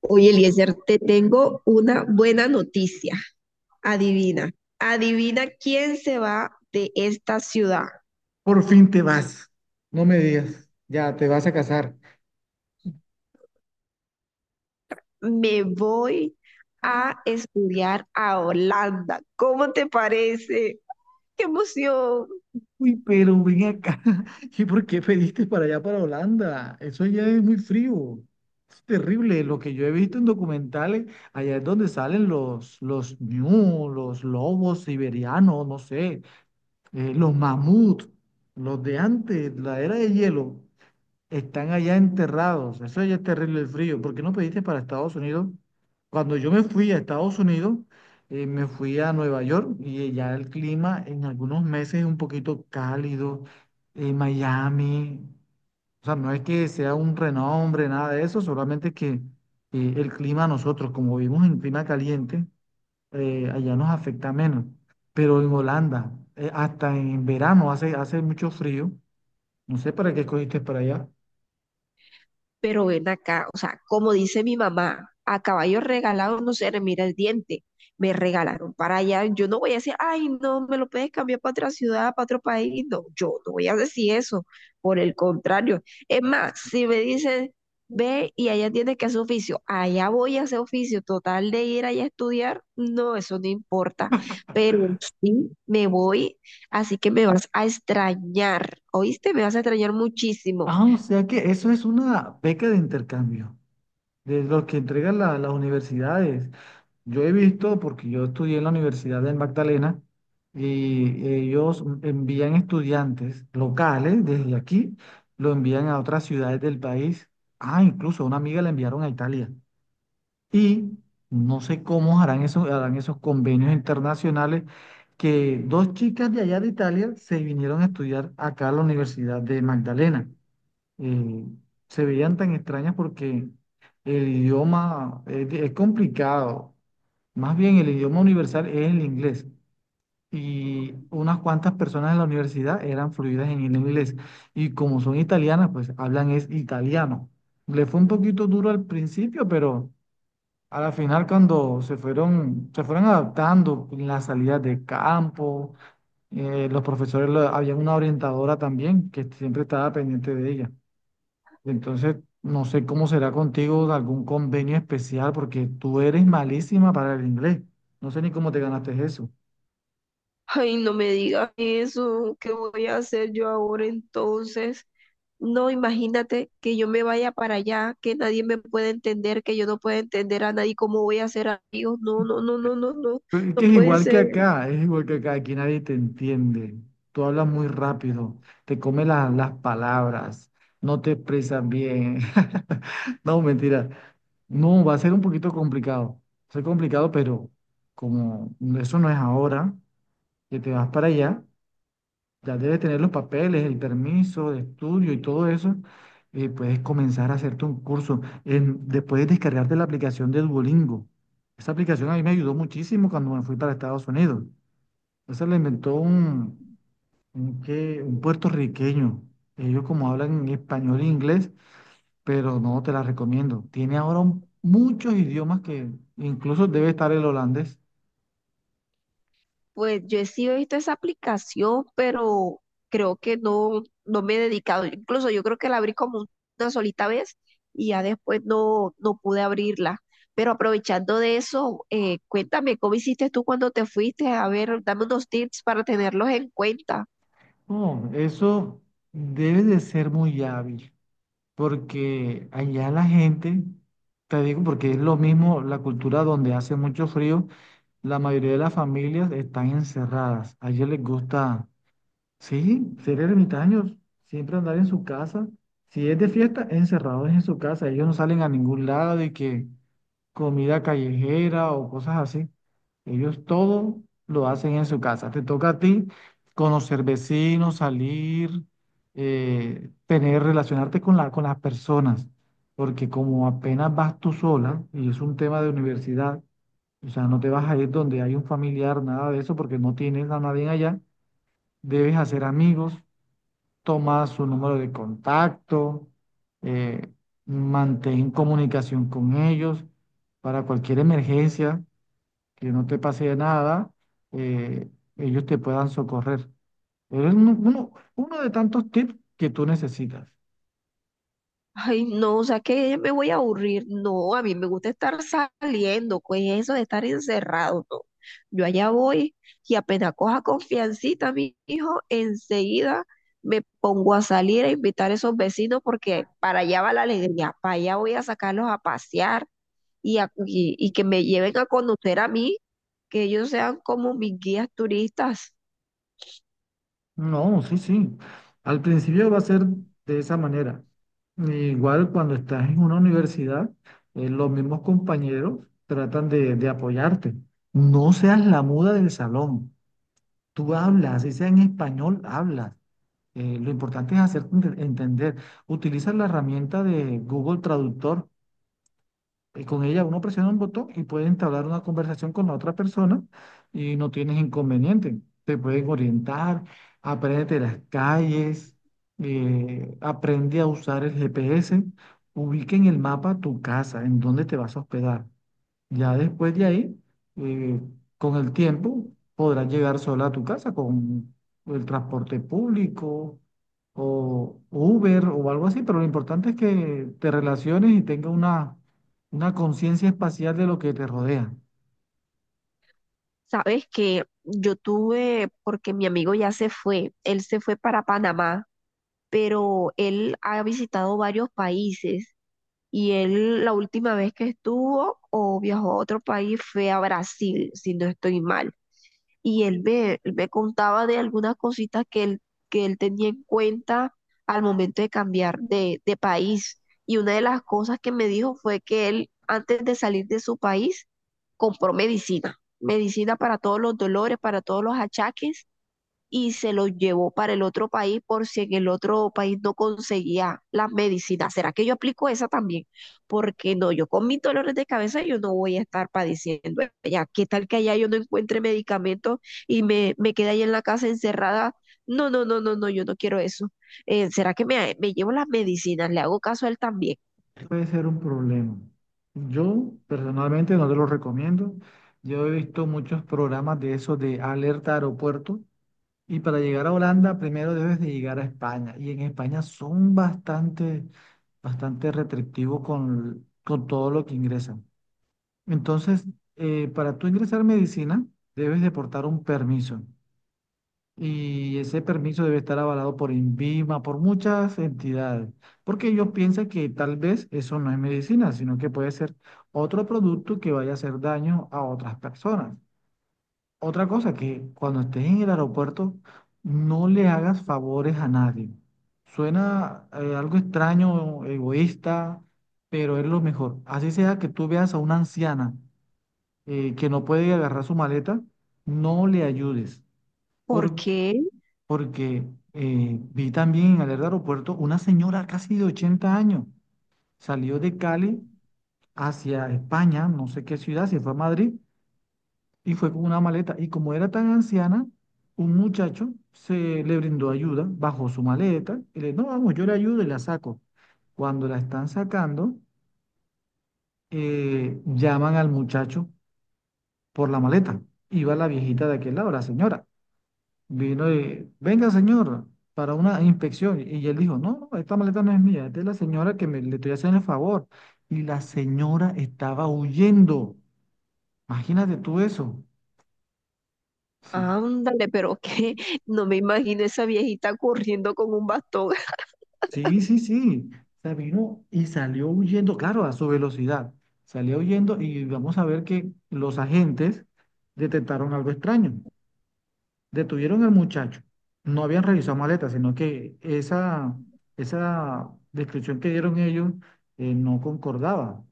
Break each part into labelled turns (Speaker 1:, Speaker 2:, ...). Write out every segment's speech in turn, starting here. Speaker 1: Oye, Eliezer, te tengo una buena noticia. Adivina, adivina quién se va de esta ciudad.
Speaker 2: Por fin te vas. No me digas. Ya, te vas a casar.
Speaker 1: Me voy
Speaker 2: Ah.
Speaker 1: a estudiar a Holanda. ¿Cómo te parece? ¡Qué emoción!
Speaker 2: Uy, pero ven acá. ¿Y por qué pediste para allá, para Holanda? Eso allá es muy frío. Es terrible. Lo que yo he visto en documentales, allá es donde salen los ñu, los lobos siberianos, no sé, los mamuts, los de antes, la era de hielo. Están allá enterrados. Eso ya es terrible el frío. ¿Por qué no pediste para Estados Unidos? Cuando yo me fui a Estados Unidos, me fui a Nueva York y ya el clima en algunos meses es un poquito cálido. Miami, o sea, no es que sea un renombre, nada de eso, solamente que el clima a nosotros, como vivimos en clima caliente, allá nos afecta menos. Pero en Holanda, hasta en verano hace mucho frío. No sé para qué escogiste para allá.
Speaker 1: Pero ven acá, o sea, como dice mi mamá, a caballo regalado no se le mira el diente. Me regalaron para allá. Yo no voy a decir, ay, no, me lo puedes cambiar para otra ciudad, para otro país. No, yo no voy a decir eso. Por el contrario. Es más, si me dicen, ve y allá tienes que hacer oficio, allá voy a hacer oficio. Total de ir allá a estudiar, no, eso no importa. Pero sí, me voy, así que me vas a extrañar. ¿Oíste? Me vas a extrañar muchísimo.
Speaker 2: Ah, o sea que eso es una beca de intercambio, de los que entregan las universidades. Yo he visto, porque yo estudié en la Universidad del Magdalena, y ellos envían estudiantes locales desde aquí, lo envían a otras ciudades del país. Ah, incluso a una amiga la enviaron a Italia. Y no sé cómo harán esos convenios internacionales, que dos chicas de allá de Italia se vinieron a estudiar acá a la Universidad de Magdalena. eh, Se veían tan extrañas porque el idioma es complicado. Más bien el idioma universal es el inglés. Y unas cuantas personas en la universidad eran fluidas en el inglés. Y como son italianas, pues hablan es italiano. Le fue un poquito duro al principio, pero a la final cuando se fueron adaptando en las salidas de campo. Los profesores, había una orientadora también que siempre estaba pendiente de ella. Entonces, no sé cómo será contigo de algún convenio especial, porque tú eres malísima para el inglés. No sé ni cómo te ganaste eso.
Speaker 1: Ay, no me digas eso, ¿qué voy a hacer yo ahora entonces? No, imagínate que yo me vaya para allá, que nadie me pueda entender, que yo no pueda entender a nadie, ¿cómo voy a hacer amigos? No, no, no, no, no, no,
Speaker 2: Pero es
Speaker 1: no
Speaker 2: que es
Speaker 1: puede
Speaker 2: igual que
Speaker 1: ser.
Speaker 2: acá, es igual que acá, aquí nadie te entiende. Tú hablas muy rápido, te comes las palabras, no te expresas bien. No, mentira. No, va a ser un poquito complicado. Va a ser complicado, pero como eso no es ahora, que te vas para allá, ya debes tener los papeles, el permiso de estudio y todo eso. Puedes comenzar a hacerte un curso después de descargarte la aplicación de Duolingo. Esa aplicación a mí me ayudó muchísimo cuando me fui para Estados Unidos. Esa la inventó un puertorriqueño. Ellos como hablan en español e inglés, pero no te la recomiendo. Tiene ahora muchos idiomas que incluso debe estar el holandés.
Speaker 1: Pues yo he sido visto esa aplicación, pero creo que no, no me he dedicado. Incluso yo creo que la abrí como una solita vez y ya después no, no pude abrirla. Pero aprovechando de eso, cuéntame, ¿cómo hiciste tú cuando te fuiste? A ver, dame unos tips para tenerlos en cuenta.
Speaker 2: No, eso debe de ser muy hábil, porque allá la gente, te digo, porque es lo mismo la cultura donde hace mucho frío, la mayoría de las familias están encerradas. A ellos les gusta, sí, ser ermitaños, siempre andar en su casa. Si es de fiesta, encerrados en su casa. Ellos no salen a ningún lado, y que comida callejera o cosas así. Ellos todo lo hacen en su casa. Te toca a ti conocer vecinos, salir, relacionarte con con las personas, porque como apenas vas tú sola, y es un tema de universidad, o sea, no te vas a ir donde hay un familiar, nada de eso, porque no tienes a nadie allá, debes hacer amigos, toma su número de contacto, eh, mantén comunicación con ellos para cualquier emergencia, que no te pase nada, eh, ellos te puedan socorrer. Pero es uno de tantos tips que tú necesitas.
Speaker 1: Ay, no, o sea que ya me voy a aburrir. No, a mí me gusta estar saliendo, pues eso de estar encerrado, no. Yo allá voy y apenas coja confiancita, mi hijo, enseguida me pongo a salir a invitar a esos vecinos porque para allá va la alegría, para allá voy a sacarlos a pasear y, y que me lleven a conocer a mí, que ellos sean como mis guías turistas.
Speaker 2: No, sí, sí. Al principio va a ser de esa manera. Igual cuando estás en una universidad, los mismos compañeros tratan de apoyarte. No seas la muda del salón. Tú hablas, ese en español hablas. Lo importante es hacerte entender. Utiliza la herramienta de Google Traductor. Con ella uno presiona un botón y puede entablar una conversación con la otra persona y no tienes inconveniente. Te pueden orientar, aprende las calles, aprende a usar el GPS, ubica en el mapa tu casa, en dónde te vas a hospedar. Ya después de ahí, eh, con el tiempo, podrás llegar sola a tu casa con el transporte público o Uber o algo así, pero lo importante es que te relaciones y tengas una conciencia espacial de lo que te rodea.
Speaker 1: Sabes que yo tuve, porque mi amigo ya se fue, él se fue para Panamá. Pero él ha visitado varios países y él la última vez que estuvo o viajó a otro país fue a Brasil, si no estoy mal. Y él me contaba de algunas cositas que él tenía en cuenta al momento de cambiar de país. Y una de las cosas que me dijo fue que él, antes de salir de su país, compró medicina, medicina para todos los dolores, para todos los achaques y se los llevó para el otro país por si en el otro país no conseguía las medicinas. ¿Será que yo aplico esa también? Porque no, yo con mis dolores de cabeza yo no voy a estar padeciendo allá. ¿Qué tal que allá yo no encuentre medicamentos y me quede ahí en la casa encerrada? No, no, no, no, no, yo no quiero eso. ¿Será que me llevo las medicinas? Le hago caso a él también.
Speaker 2: Puede ser un problema. Yo personalmente no te lo recomiendo. Yo he visto muchos programas de esos de alerta aeropuerto. Y para llegar a Holanda, primero debes de llegar a España. Y en España son bastante, bastante restrictivos con todo lo que ingresan. Entonces, para tú ingresar medicina, debes de portar un permiso. Y ese permiso debe estar avalado por INVIMA, por muchas entidades. Porque ellos piensan que tal vez eso no es medicina, sino que puede ser otro producto que vaya a hacer daño a otras personas. Otra cosa, que cuando estés en el aeropuerto no le hagas favores a nadie. Suena algo extraño, egoísta, pero es lo mejor. Así sea que tú veas a una anciana que no puede agarrar su maleta, no le ayudes.
Speaker 1: ¿Por
Speaker 2: Por-
Speaker 1: qué?
Speaker 2: Porque vi también en el aeropuerto una señora casi de 80 años. Salió de Cali hacia España, no sé qué ciudad, si fue a Madrid, y fue con una maleta. Y como era tan anciana, un muchacho se le brindó ayuda, bajó su maleta y le dijo: "No, vamos, yo le ayudo y la saco". Cuando la están sacando, llaman al muchacho por la maleta. Iba la viejita de aquel lado, la señora. Vino y, venga, señor, para una inspección. Y él dijo: "No, no, esta maleta no es mía, esta es de la señora que me, le estoy haciendo el favor". Y la señora estaba huyendo. Imagínate tú eso. Sí.
Speaker 1: Ándale, pero que no me imagino esa viejita corriendo con un bastón.
Speaker 2: Sí, sí, sí. Se vino y salió huyendo, claro, a su velocidad. Salió huyendo, y vamos a ver que los agentes detectaron algo extraño. Detuvieron al muchacho. No habían revisado maletas, sino que esa descripción que dieron ellos no concordaba.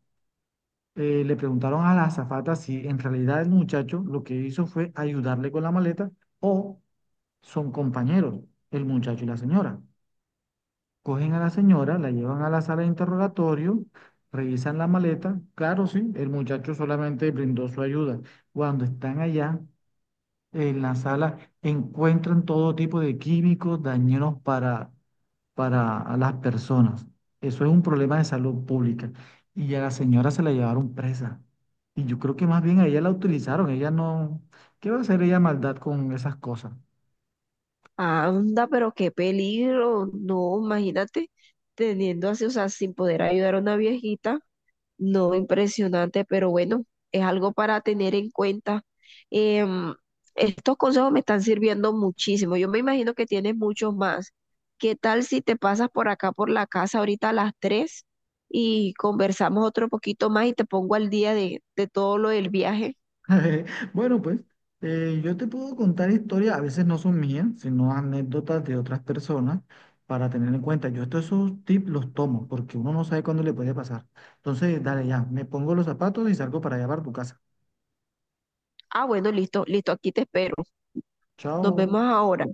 Speaker 2: Le preguntaron a la azafata si en realidad el muchacho lo que hizo fue ayudarle con la maleta o son compañeros, el muchacho y la señora. Cogen a la señora, la llevan a la sala de interrogatorio, revisan la maleta. Claro, sí, el muchacho solamente brindó su ayuda. Cuando están allá en la sala, encuentran todo tipo de químicos dañinos para a las personas. Eso es un problema de salud pública. Y a la señora se la llevaron presa. Y yo creo que más bien a ella la utilizaron. Ella no... ¿Qué va a hacer ella maldad con esas cosas?
Speaker 1: Anda, pero qué peligro. No, imagínate teniendo así, o sea, sin poder ayudar a una viejita. No, impresionante, pero bueno, es algo para tener en cuenta. Em, estos consejos me están sirviendo muchísimo. Yo me imagino que tienes muchos más. ¿Qué tal si te pasas por acá, por la casa, ahorita a las 3 y conversamos otro poquito más y te pongo al día de todo lo del viaje?
Speaker 2: Bueno, pues yo te puedo contar historias, a veces no son mías, sino anécdotas de otras personas para tener en cuenta. Yo estos esos tips los tomo porque uno no sabe cuándo le puede pasar. Entonces, dale ya, me pongo los zapatos y salgo para allá para tu casa.
Speaker 1: Ah, bueno, listo, listo, aquí te espero. Nos vemos
Speaker 2: Chao.
Speaker 1: ahora.